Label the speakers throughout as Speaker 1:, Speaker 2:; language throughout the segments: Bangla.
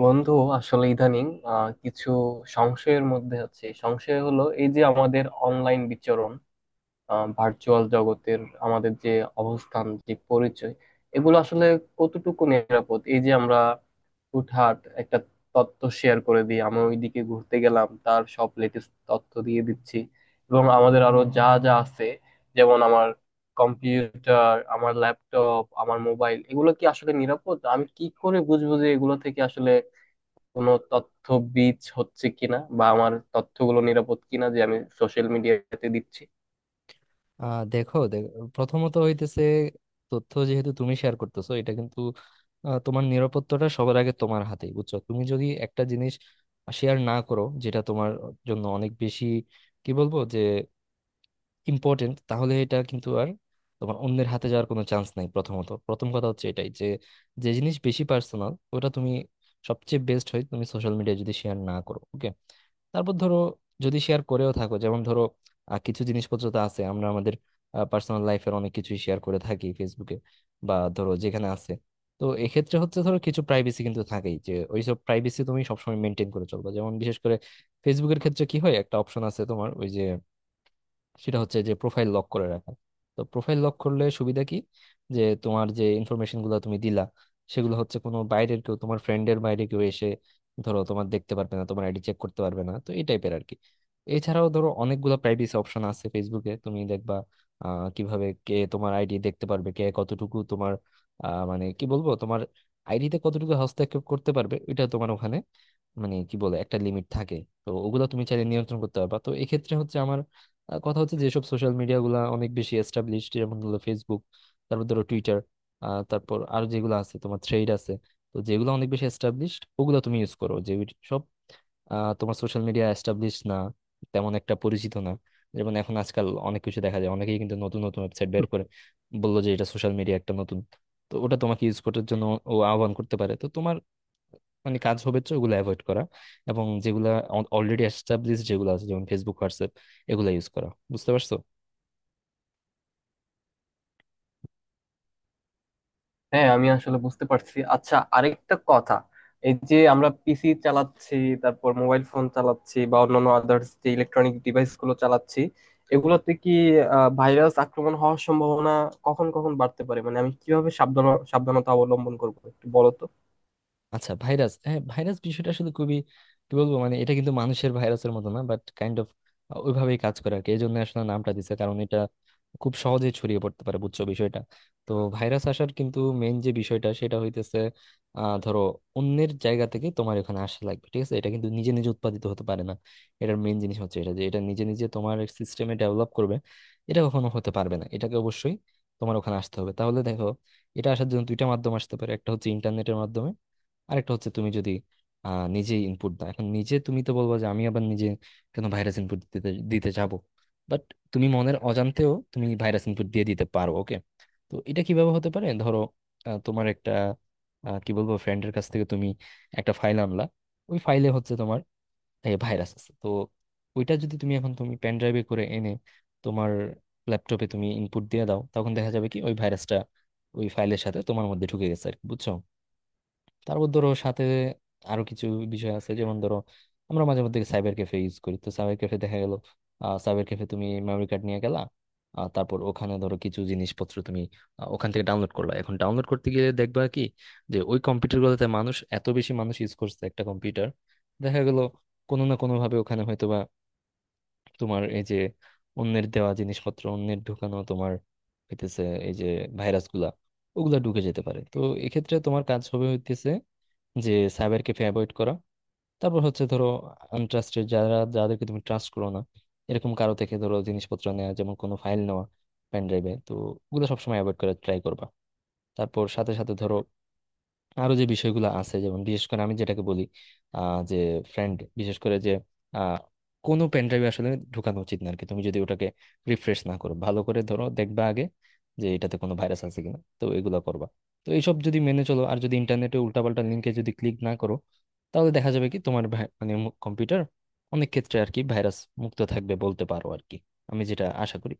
Speaker 1: বন্ধু আসলে ইদানিং কিছু সংশয়ের মধ্যে আছে। সংশয় হলো এই যে, আমাদের অনলাইন বিচরণ, ভার্চুয়াল জগতের আমাদের যে অবস্থান, যে পরিচয়, এগুলো আসলে কতটুকু নিরাপদ। এই যে আমরা হুটহাট একটা তথ্য শেয়ার করে দিই, আমি ওইদিকে ঘুরতে গেলাম তার সব লেটেস্ট তথ্য দিয়ে দিচ্ছি, এবং আমাদের আরো যা যা আছে, যেমন আমার কম্পিউটার, আমার ল্যাপটপ, আমার মোবাইল, এগুলো কি আসলে নিরাপদ? আমি কি করে বুঝবো যে এগুলো থেকে আসলে কোনো তথ্য বীজ হচ্ছে কিনা, বা আমার তথ্যগুলো নিরাপদ কিনা যে আমি সোশ্যাল মিডিয়াতে দিচ্ছি।
Speaker 2: দেখো প্রথমত হইতেছে তথ্য যেহেতু তুমি শেয়ার করতেছো, এটা কিন্তু তোমার নিরাপত্তাটা সবার আগে তোমার হাতেই, বুঝছো? তুমি যদি একটা জিনিস শেয়ার না করো যেটা তোমার জন্য অনেক বেশি কি বলবো যে ইম্পর্টেন্ট, তাহলে এটা কিন্তু আর তোমার অন্যের হাতে যাওয়ার কোনো চান্স নাই। প্রথমত, প্রথম কথা হচ্ছে এটাই যে যে জিনিস বেশি পার্সোনাল ওটা তুমি সবচেয়ে বেস্ট হয় তুমি সোশ্যাল মিডিয়ায় যদি শেয়ার না করো। ওকে, তারপর ধরো যদি শেয়ার করেও থাকো, যেমন ধরো কিছু জিনিসপত্র তো আছে, আমরা আমাদের পার্সোনাল লাইফের অনেক কিছুই শেয়ার করে থাকি ফেসবুকে বা ধরো যেখানে আছে। তো এক্ষেত্রে হচ্ছে ধরো কিছু প্রাইভেসি কিন্তু থাকেই, যে ওইসব প্রাইভেসি তুমি সবসময় মেনটেন করে চলবে। যেমন বিশেষ করে ফেসবুকের ক্ষেত্রে কি হয়, একটা অপশন আছে তোমার, ওই যে সেটা হচ্ছে যে প্রোফাইল লক করে রাখা। তো প্রোফাইল লক করলে সুবিধা কি, যে তোমার যে ইনফরমেশন গুলো তুমি দিলা সেগুলো হচ্ছে কোনো বাইরের কেউ, তোমার ফ্রেন্ডের বাইরে কেউ এসে ধরো তোমার দেখতে পারবে না, তোমার আইডি চেক করতে পারবে না। তো এই টাইপের আর কি। এছাড়াও ধরো অনেকগুলো প্রাইভেসি অপশন আছে ফেসবুকে, তুমি দেখবা কিভাবে কে তোমার আইডি দেখতে পারবে, কে কতটুকু তোমার মানে কি বলবো তোমার আইডিতে কতটুকু হস্তক্ষেপ করতে পারবে, এটা তোমার ওখানে মানে কি বলে একটা লিমিট থাকে। তো ওগুলো তুমি চাইলে নিয়ন্ত্রণ করতে পারবা। তো এক্ষেত্রে হচ্ছে আমার কথা হচ্ছে যেসব সোশ্যাল মিডিয়া গুলা অনেক বেশি এস্টাবলিশড, যেমন হলো ফেসবুক, তারপর ধরো টুইটার, তারপর আরো যেগুলো আছে তোমার, থ্রেড আছে। তো যেগুলো অনেক বেশি এস্টাবলিশড ওগুলো তুমি ইউজ করো, যে সব তোমার সোশ্যাল মিডিয়া এস্টাবলিশ না, তেমন একটা পরিচিত না, যেমন এখন আজকাল অনেক কিছু দেখা যায়, অনেকেই কিন্তু নতুন নতুন ওয়েবসাইট বের করে বললো যে এটা সোশ্যাল মিডিয়া একটা নতুন, তো ওটা তোমাকে ইউজ করার জন্য ও আহ্বান করতে পারে। তো তোমার মানে কাজ হবে হচ্ছে ওগুলো অ্যাভয়েড করা, এবং যেগুলা অলরেডি এস্টাবলিশ যেগুলো আছে, যেমন ফেসবুক, হোয়াটসঅ্যাপ, এগুলো ইউজ করা। বুঝতে পারছো?
Speaker 1: হ্যাঁ, আমি আসলে বুঝতে পারছি। আচ্ছা, আরেকটা কথা, এই যে আমরা পিসি চালাচ্ছি, তারপর মোবাইল ফোন চালাচ্ছি বা অন্যান্য আদার্স যে ইলেকট্রনিক ডিভাইস গুলো চালাচ্ছি, এগুলোতে কি ভাইরাস আক্রমণ হওয়ার সম্ভাবনা কখন কখন বাড়তে পারে? মানে আমি কিভাবে সাবধান, সাবধানতা অবলম্বন করবো একটু বলো তো।
Speaker 2: আচ্ছা, ভাইরাস, হ্যাঁ ভাইরাস বিষয়টা আসলে খুবই কি বলবো, মানে এটা কিন্তু মানুষের ভাইরাসের মতো না, বাট কাইন্ড অফ ওইভাবেই কাজ করে আর কি। এই জন্য আসলে নামটা দিছে, কারণ এটা খুব সহজে ছড়িয়ে পড়তে পারে। বুঝছো বিষয়টা? তো ভাইরাস আসার কিন্তু মেইন যে বিষয়টা, সেটা হইতেছে ধরো অন্যের জায়গা থেকে তোমার এখানে আসা লাগবে, ঠিক আছে? এটা কিন্তু নিজে নিজে উৎপাদিত হতে পারে না। এটার মেইন জিনিস হচ্ছে এটা যে এটা নিজে নিজে তোমার সিস্টেমে ডেভেলপ করবে এটা কখনো হতে পারবে না, এটাকে অবশ্যই তোমার ওখানে আসতে হবে। তাহলে দেখো এটা আসার জন্য দুইটা মাধ্যম আসতে পারে, একটা হচ্ছে ইন্টারনেটের মাধ্যমে, আরেকটা হচ্ছে তুমি যদি আহ, নিজে ইনপুট দাও। এখন নিজে তুমি তো বলবা যে আমি আবার নিজে কেন ভাইরাস ইনপুট দিতে দিতে যাব, বাট তুমি মনের অজান্তেও তুমি ভাইরাস ইনপুট দিয়ে দিতে পারো। ওকে, তো এটা কিভাবে হতে পারে? ধরো তোমার একটা কি বলবো ফ্রেন্ডের কাছ থেকে তুমি একটা ফাইল আনলা, ওই ফাইলে হচ্ছে তোমার ভাইরাস আছে। তো ওইটা যদি তুমি এখন তুমি পেন ড্রাইভে করে এনে তোমার ল্যাপটপে তুমি ইনপুট দিয়ে দাও, তখন দেখা যাবে কি ওই ভাইরাসটা ওই ফাইলের সাথে তোমার মধ্যে ঢুকে গেছে আর কি, বুঝছো? তারপর ধরো সাথে আরো কিছু বিষয় আছে, যেমন ধরো আমরা মাঝে মধ্যে সাইবার ক্যাফে ইউজ করি। তো সাইবার ক্যাফে দেখা গেল সাইবার ক্যাফে তুমি মেমরি কার্ড নিয়ে গেলা, তারপর ওখানে ধরো কিছু জিনিসপত্র তুমি ওখান থেকে ডাউনলোড করলা। এখন ডাউনলোড করতে গিয়ে দেখবা কি যে ওই কম্পিউটার গুলোতে মানুষ এত বেশি, মানুষ ইউজ করছে একটা কম্পিউটার, দেখা গেল কোনো না কোনো ভাবে ওখানে হয়তোবা তোমার এই যে অন্যের দেওয়া জিনিসপত্র, অন্যের ঢুকানো তোমার হইতেছে এই যে ভাইরাস গুলা ওগুলা ঢুকে যেতে পারে। তো এক্ষেত্রে তোমার কাজ হবে হইতেছে যে সাইবারকে অ্যাভয়েড করা। তারপর হচ্ছে ধরো আনট্রাস্টেড যারা, যাদেরকে তুমি ট্রাস্ট করো না, এরকম কারো থেকে ধরো জিনিসপত্র নেওয়া, যেমন কোনো ফাইল নেওয়া পেন ড্রাইভে, তো ওগুলো সবসময় অ্যাভয়েড করার ট্রাই করবা। তারপর সাথে সাথে ধরো আরো যে বিষয়গুলো আছে, যেমন বিশেষ করে আমি যেটাকে বলি, যে ফ্রেন্ড বিশেষ করে যে আহ, কোনো পেন ড্রাইভে আসলে ঢুকানো উচিত না আর কি, তুমি যদি ওটাকে রিফ্রেশ না করো ভালো করে। ধরো দেখবা আগে যে এটাতে কোনো ভাইরাস আছে কিনা, তো এগুলো করবা। তো এইসব যদি মেনে চলো, আর যদি ইন্টারনেটে উল্টাপাল্টা লিঙ্কে যদি ক্লিক না করো, তাহলে দেখা যাবে কি তোমার মানে কম্পিউটার অনেক ক্ষেত্রে আর কি ভাইরাস মুক্ত থাকবে বলতে পারো আর কি, আমি যেটা আশা করি।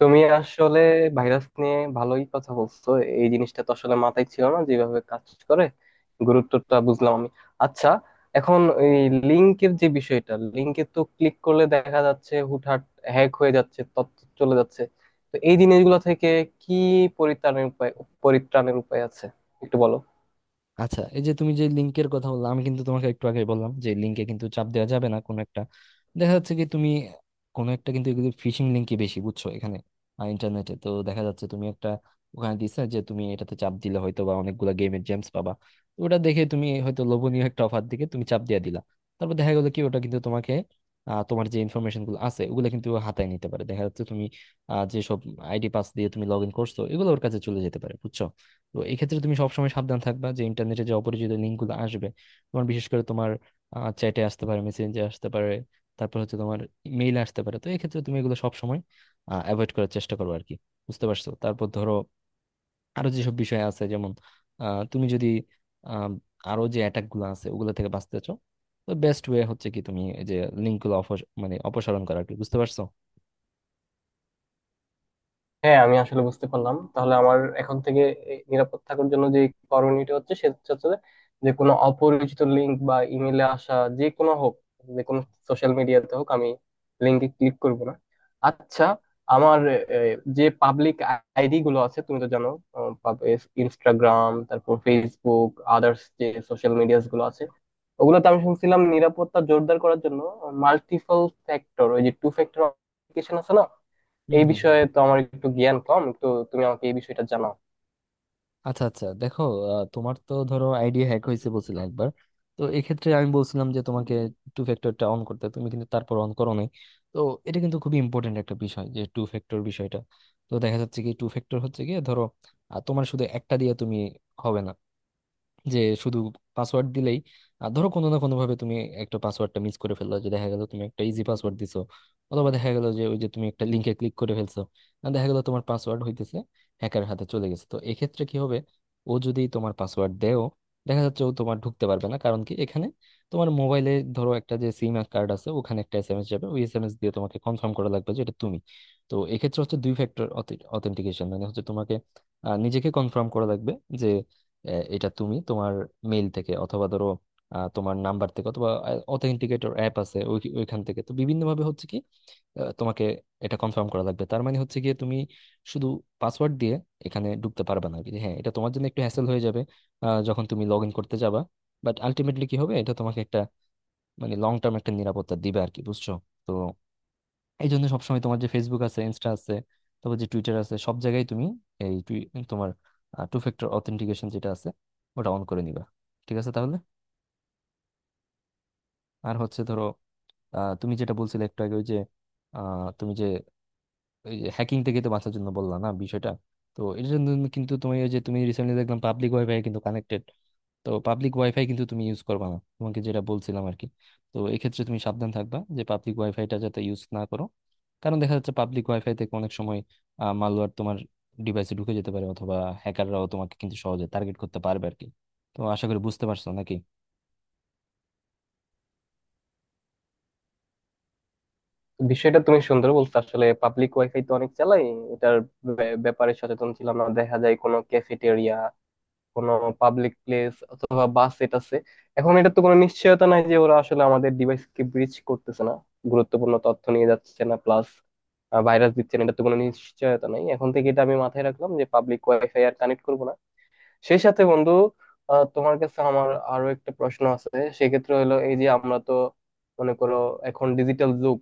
Speaker 1: তুমি আসলে ভাইরাস নিয়ে ভালোই কথা বলছো। এই জিনিসটা তো আসলে মাথায় ছিল না, যেভাবে কাজ করে গুরুত্বটা বুঝলাম আমি। আচ্ছা, এখন এই লিংকের যে বিষয়টা, লিংকে তো ক্লিক করলে দেখা যাচ্ছে হুটহাট হ্যাক হয়ে যাচ্ছে, তথ্য চলে যাচ্ছে। তো এই জিনিসগুলো থেকে কি পরিত্রাণের উপায়, পরিত্রাণের উপায় আছে একটু বলো।
Speaker 2: আচ্ছা, এই যে তুমি যে লিঙ্কের কথা বললাম, আমি কিন্তু তোমাকে একটু আগে বললাম যে লিঙ্কে কিন্তু চাপ দেওয়া যাবে না। কোনো একটা দেখা যাচ্ছে কি তুমি কোনো একটা, কিন্তু এগুলো ফিশিং লিঙ্কই বেশি বুঝছো এখানে ইন্টারনেটে। তো দেখা যাচ্ছে তুমি একটা ওখানে দিছে যে তুমি এটাতে চাপ দিলে হয়তো বা অনেকগুলা গেমের জেমস পাবা, তো ওটা দেখে তুমি হয়তো লোভনীয় একটা অফার দিকে তুমি চাপ দিয়ে দিলা। তারপর দেখা গেলো কি ওটা কিন্তু তোমাকে তোমার যে ইনফরমেশন গুলো আছে ওগুলো কিন্তু ও হাতায় নিতে পারে। দেখা যাচ্ছে তুমি যেসব আইডি পাস দিয়ে তুমি লগ ইন করছো এগুলো ওর কাছে চলে যেতে পারে, বুঝছো? তো এই ক্ষেত্রে তুমি সবসময় সাবধান থাকবা যে ইন্টারনেটে যে অপরিচিত লিঙ্কগুলো আসবে, তোমার বিশেষ করে তোমার চ্যাটে আসতে পারে, মেসেঞ্জে আসতে পারে, তারপর হচ্ছে তোমার মেইল আসতে পারে, তো এই ক্ষেত্রে তুমি এগুলো সবসময় অ্যাভয়েড করার চেষ্টা করবো আর কি। বুঝতে পারছো? তারপর ধরো আরো যেসব বিষয় আছে, যেমন তুমি যদি আহ, আরো যে অ্যাটাক গুলো আছে ওগুলো থেকে বাঁচতে চাও, তো বেস্ট ওয়ে হচ্ছে কি তুমি এই যে লিঙ্ক গুলো মানে অপসারণ করা আর কি। বুঝতে পারছো?
Speaker 1: হ্যাঁ, আমি আসলে বুঝতে পারলাম। তাহলে আমার এখন থেকে এই নিরাপদ থাকার জন্য যে করণীয়টা হচ্ছে, সেটা হচ্ছে যে, যে কোনো অপরিচিত লিঙ্ক বা ইমেলে আসা, যে কোনো হোক, যে কোনো সোশ্যাল মিডিয়াতে হোক, আমি লিঙ্কে ক্লিক করব না। আচ্ছা, আমার যে পাবলিক আইডি গুলো আছে, তুমি তো জানো, ইনস্টাগ্রাম, তারপর ফেসবুক, আদার্স যে সোশ্যাল মিডিয়াস গুলো আছে, ওগুলোতে আমি শুনছিলাম নিরাপত্তা জোরদার করার জন্য মাল্টিপল ফ্যাক্টর, ওই যে টু ফ্যাক্টর অথেন্টিকেশন আছে না,
Speaker 2: হুম
Speaker 1: এই
Speaker 2: হুম।
Speaker 1: বিষয়ে তো আমার একটু জ্ঞান কম, তো তুমি আমাকে এই বিষয়টা জানাও।
Speaker 2: আচ্ছা আচ্ছা, দেখো তোমার তো ধরো আইডি হ্যাক হয়েছে বলছিলে একবার, তো এক্ষেত্রে আমি বলছিলাম যে তোমাকে টু ফ্যাক্টরটা অন করতে, তুমি কিন্তু তারপর অন করো নাই। তো এটা কিন্তু খুবই ইম্পর্টেন্ট একটা বিষয়, যে টু ফ্যাক্টর বিষয়টা। তো দেখা যাচ্ছে কি টু ফ্যাক্টর হচ্ছে গিয়ে ধরো তোমার শুধু একটা দিয়ে তুমি হবে না, যে শুধু পাসওয়ার্ড দিলেই। আর ধরো কোনো না কোনো ভাবে তুমি একটা পাসওয়ার্ডটা মিস করে ফেললো, যে দেখা গেল তুমি একটা ইজি পাসওয়ার্ড দিছো, অথবা দেখা গেল যে ওই যে তুমি একটা লিংকে ক্লিক করে ফেলছো, আর দেখা গেল তোমার পাসওয়ার্ড হইতেছে হ্যাকার হাতে চলে গেছে, তো এক্ষেত্রে কি হবে? ও যদি তোমার পাসওয়ার্ড দেও, দেখা যাচ্ছে ও তোমার ঢুকতে পারবে না। কারণ কি, এখানে তোমার মোবাইলে ধরো একটা যে সিম কার্ড আছে ওখানে একটা এসএমএস যাবে, ওই এসএমএস দিয়ে তোমাকে কনফার্ম করা লাগবে যে এটা তুমি। তো এক্ষেত্রে হচ্ছে দুই ফ্যাক্টর অথেন্টিকেশন মানে হচ্ছে তোমাকে নিজেকে কনফার্ম করা লাগবে যে এটা তুমি। তোমার মেইল থেকে অথবা ধরো তোমার নাম্বার থেকে অথবা অথেন্টিকেটর অ্যাপ আছে ওইখান থেকে, তো বিভিন্ন ভাবে হচ্ছে কি তোমাকে এটা কনফার্ম করা লাগবে। তার মানে হচ্ছে গিয়ে তুমি শুধু পাসওয়ার্ড দিয়ে এখানে ঢুকতে পারবে না আর কি। হ্যাঁ, এটা তোমার জন্য একটু হ্যাসেল হয়ে যাবে যখন তুমি লগ ইন করতে যাবা, বাট আলটিমেটলি কি হবে, এটা তোমাকে একটা মানে লং টার্ম একটা নিরাপত্তা দিবে আর কি, বুঝছো? তো এই জন্য সবসময় তোমার যে ফেসবুক আছে, ইনস্টা আছে, তারপর যে টুইটার আছে, সব জায়গায় তুমি এই তোমার টু ফ্যাক্টর অথেন্টিকেশন যেটা আছে ওটা অন করে নিবা, ঠিক আছে? তাহলে আর হচ্ছে ধরো তুমি যেটা বলছিলে একটু আগে ওই যে তুমি যে হ্যাকিং থেকে তো বাঁচার জন্য বললা না বিষয়টা, তো এর জন্য কিন্তু তুমি ওই যে তুমি রিসেন্টলি দেখলাম পাবলিক ওয়াইফাই কিন্তু কানেক্টেড। তো পাবলিক ওয়াইফাই কিন্তু তুমি ইউজ করবা না, তোমাকে যেটা বলছিলাম আর কি। তো এক্ষেত্রে তুমি সাবধান থাকবা যে পাবলিক ওয়াইফাইটা যাতে ইউজ না করো, কারণ দেখা যাচ্ছে পাবলিক ওয়াইফাই থেকে অনেক সময় মালওয়্যার তোমার ডিভাইসে ঢুকে যেতে পারে, অথবা হ্যাকাররাও তোমাকে কিন্তু সহজে টার্গেট করতে পারবে আর কি। তো আশা করি বুঝতে পারছো নাকি?
Speaker 1: তো বিষয়টা তুমি সুন্দর বলছো। আসলে পাবলিক ওয়াইফাই তো অনেক চালাই, এটার ব্যাপারে সচেতন ছিলাম না। দেখা যায় কোনো ক্যাফেটেরিয়া, কোনো পাবলিক প্লেস অথবা বাস, এটা আছে। এখন এটা তো কোনো নিশ্চয়তা নাই যে ওরা আসলে আমাদের ডিভাইসকে ব্রিচ করতেছে না, গুরুত্বপূর্ণ তথ্য নিয়ে যাচ্ছে না, প্লাস ভাইরাস দিচ্ছে না, এটা তো কোনো নিশ্চয়তা নাই। এখন থেকে এটা আমি মাথায় রাখলাম যে পাবলিক ওয়াইফাই আর কানেক্ট করবো না। সেই সাথে বন্ধু, তোমার কাছে আমার আরো একটা প্রশ্ন আছে। সেক্ষেত্রে হলো এই যে, আমরা তো, মনে করো, এখন ডিজিটাল যুগ,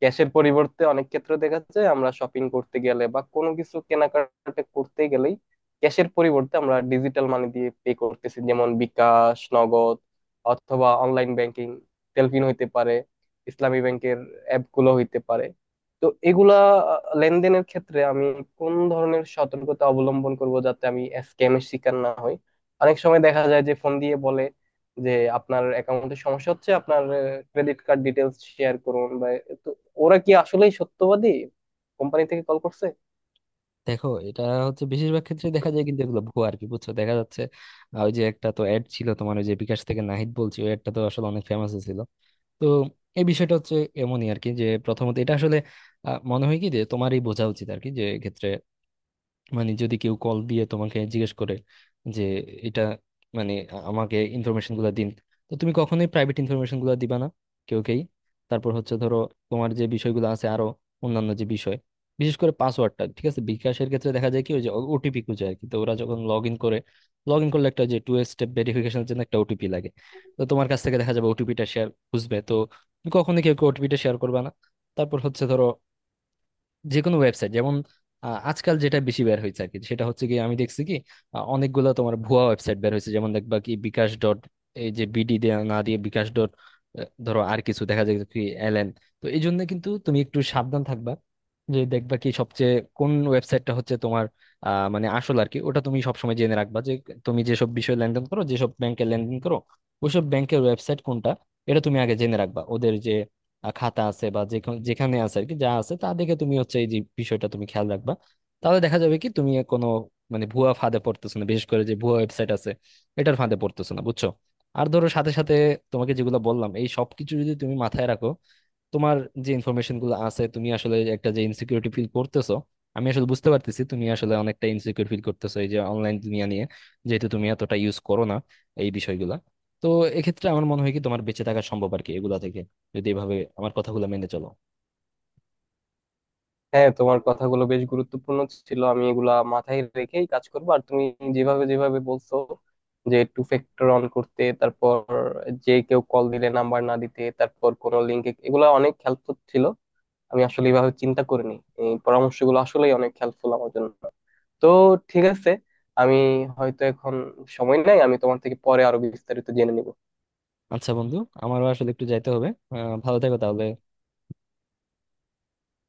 Speaker 1: ক্যাশের পরিবর্তে অনেক ক্ষেত্রে দেখা যায় আমরা শপিং করতে গেলে বা কোনো কিছু কেনাকাটা করতে গেলেই ক্যাশের পরিবর্তে আমরা ডিজিটাল মানি দিয়ে পে করতেছি, যেমন বিকাশ, নগদ, অথবা অনলাইন ব্যাংকিং, তেলফিন হইতে পারে, ইসলামী ব্যাংকের অ্যাপ গুলো হইতে পারে। তো এগুলা লেনদেনের ক্ষেত্রে আমি কোন ধরনের সতর্কতা অবলম্বন করব, যাতে আমি স্ক্যামের শিকার না হই? অনেক সময় দেখা যায় যে ফোন দিয়ে বলে যে, আপনার অ্যাকাউন্টে সমস্যা হচ্ছে, আপনার ক্রেডিট কার্ড ডিটেলস শেয়ার করুন বা, তো ওরা কি আসলেই সত্যবাদী কোম্পানি থেকে কল করছে?
Speaker 2: দেখো এটা হচ্ছে বেশিরভাগ ক্ষেত্রে দেখা যায় কিন্তু এগুলো ভুয়া আর কি, বুঝছো? দেখা যাচ্ছে ওই যে একটা তো অ্যাড ছিল তোমার, ওই যে বিকাশ থেকে নাহিদ বলছি, ওই অ্যাডটা তো আসলে অনেক ফেমাস ছিল। তো এই বিষয়টা হচ্ছে এমনই আর কি। যে প্রথমত এটা আসলে মনে হয় কি যে তোমারই বোঝা উচিত আর কি, যে ক্ষেত্রে মানে যদি কেউ কল দিয়ে তোমাকে জিজ্ঞেস করে যে এটা মানে আমাকে ইনফরমেশন গুলো দিন, তো তুমি কখনোই প্রাইভেট ইনফরমেশন গুলো দিবা না কেউকেই। তারপর হচ্ছে ধরো তোমার যে বিষয়গুলো আছে আরো অন্যান্য যে বিষয়, বিশেষ করে পাসওয়ার্ডটা ঠিক আছে, বিকাশের ক্ষেত্রে দেখা যায় কি ওই যে ওটিপি খুঁজে আর কি। তো ওরা যখন লগ ইন করে, লগ ইন করলে একটা যে টু স্টেপ ভেরিফিকেশনের জন্য একটা ওটিপি লাগে, তো তোমার কাছ থেকে দেখা যাবে ওটিপিটা শেয়ার খুঁজবে। তো তুমি কখনোই কেউ ওটিপিটা শেয়ার করবে না। তারপর হচ্ছে ধরো যে কোনো ওয়েবসাইট, যেমন আজকাল যেটা বেশি বের হয়েছে আর কি, সেটা হচ্ছে কি আমি দেখছি কি অনেকগুলো তোমার ভুয়া ওয়েবসাইট বের হয়েছে। যেমন দেখবা কি বিকাশ ডট এই যে বিডি দিয়ে না দিয়ে বিকাশ ডট ধরো আর কিছু দেখা যায় কি এলএন। তো এই জন্য কিন্তু তুমি একটু সাবধান থাকবা, যে দেখবা কি সবচেয়ে কোন ওয়েবসাইটটা হচ্ছে তোমার মানে আসল আর কি, ওটা তুমি সবসময় জেনে রাখবা। যে তুমি যেসব বিষয়ে লেনদেন করো, যেসব ব্যাংকে লেনদেন করো, ওইসব ব্যাংকের ওয়েবসাইট কোনটা এটা তুমি আগে জেনে রাখবা। ওদের যে খাতা আছে বা যে যেখানে আছে আর কি, যা আছে তা দেখে তুমি হচ্ছে এই যে বিষয়টা তুমি খেয়াল রাখবা। তাহলে দেখা যাবে কি তুমি কোনো মানে ভুয়া ফাঁদে পড়তেছো না, বিশেষ করে যে ভুয়া ওয়েবসাইট আছে এটার ফাঁদে পড়তেছো না, বুঝছো? আর ধরো সাথে সাথে তোমাকে যেগুলো বললাম এই সবকিছু যদি তুমি মাথায় রাখো, তোমার যে ইনফরমেশন গুলো আছে, তুমি আসলে একটা যে ইনসিকিউরিটি ফিল করতেছো, আমি আসলে বুঝতে পারতেছি তুমি আসলে অনেকটা ইনসিকিউর ফিল করতেছো এই যে অনলাইন দুনিয়া নিয়ে, যেহেতু তুমি এতটা ইউজ করো না এই বিষয়গুলা। তো এক্ষেত্রে আমার মনে হয় কি তোমার বেঁচে থাকা সম্ভব আর কি এগুলা থেকে, যদি এভাবে আমার কথাগুলো মেনে চলো।
Speaker 1: হ্যাঁ, তোমার কথাগুলো বেশ গুরুত্বপূর্ণ ছিল। আমি এগুলা মাথায় রেখেই কাজ করব। আর তুমি যেভাবে যেভাবে বলছো যে টু ফ্যাক্টর অন করতে, তারপর যে কেউ কল দিলে নাম্বার না দিতে, তারপর কোন লিঙ্কে, এগুলা অনেক হেল্পফুল ছিল। আমি আসলে এভাবে চিন্তা করিনি। এই পরামর্শগুলো আসলেই অনেক হেল্পফুল আমার জন্য। তো ঠিক আছে, আমি হয়তো এখন সময় নাই, আমি তোমার থেকে পরে আরো বিস্তারিত জেনে নিব।
Speaker 2: আচ্ছা বন্ধু, আমারও আসলে একটু যাইতে হবে। ভালো থেকো তাহলে।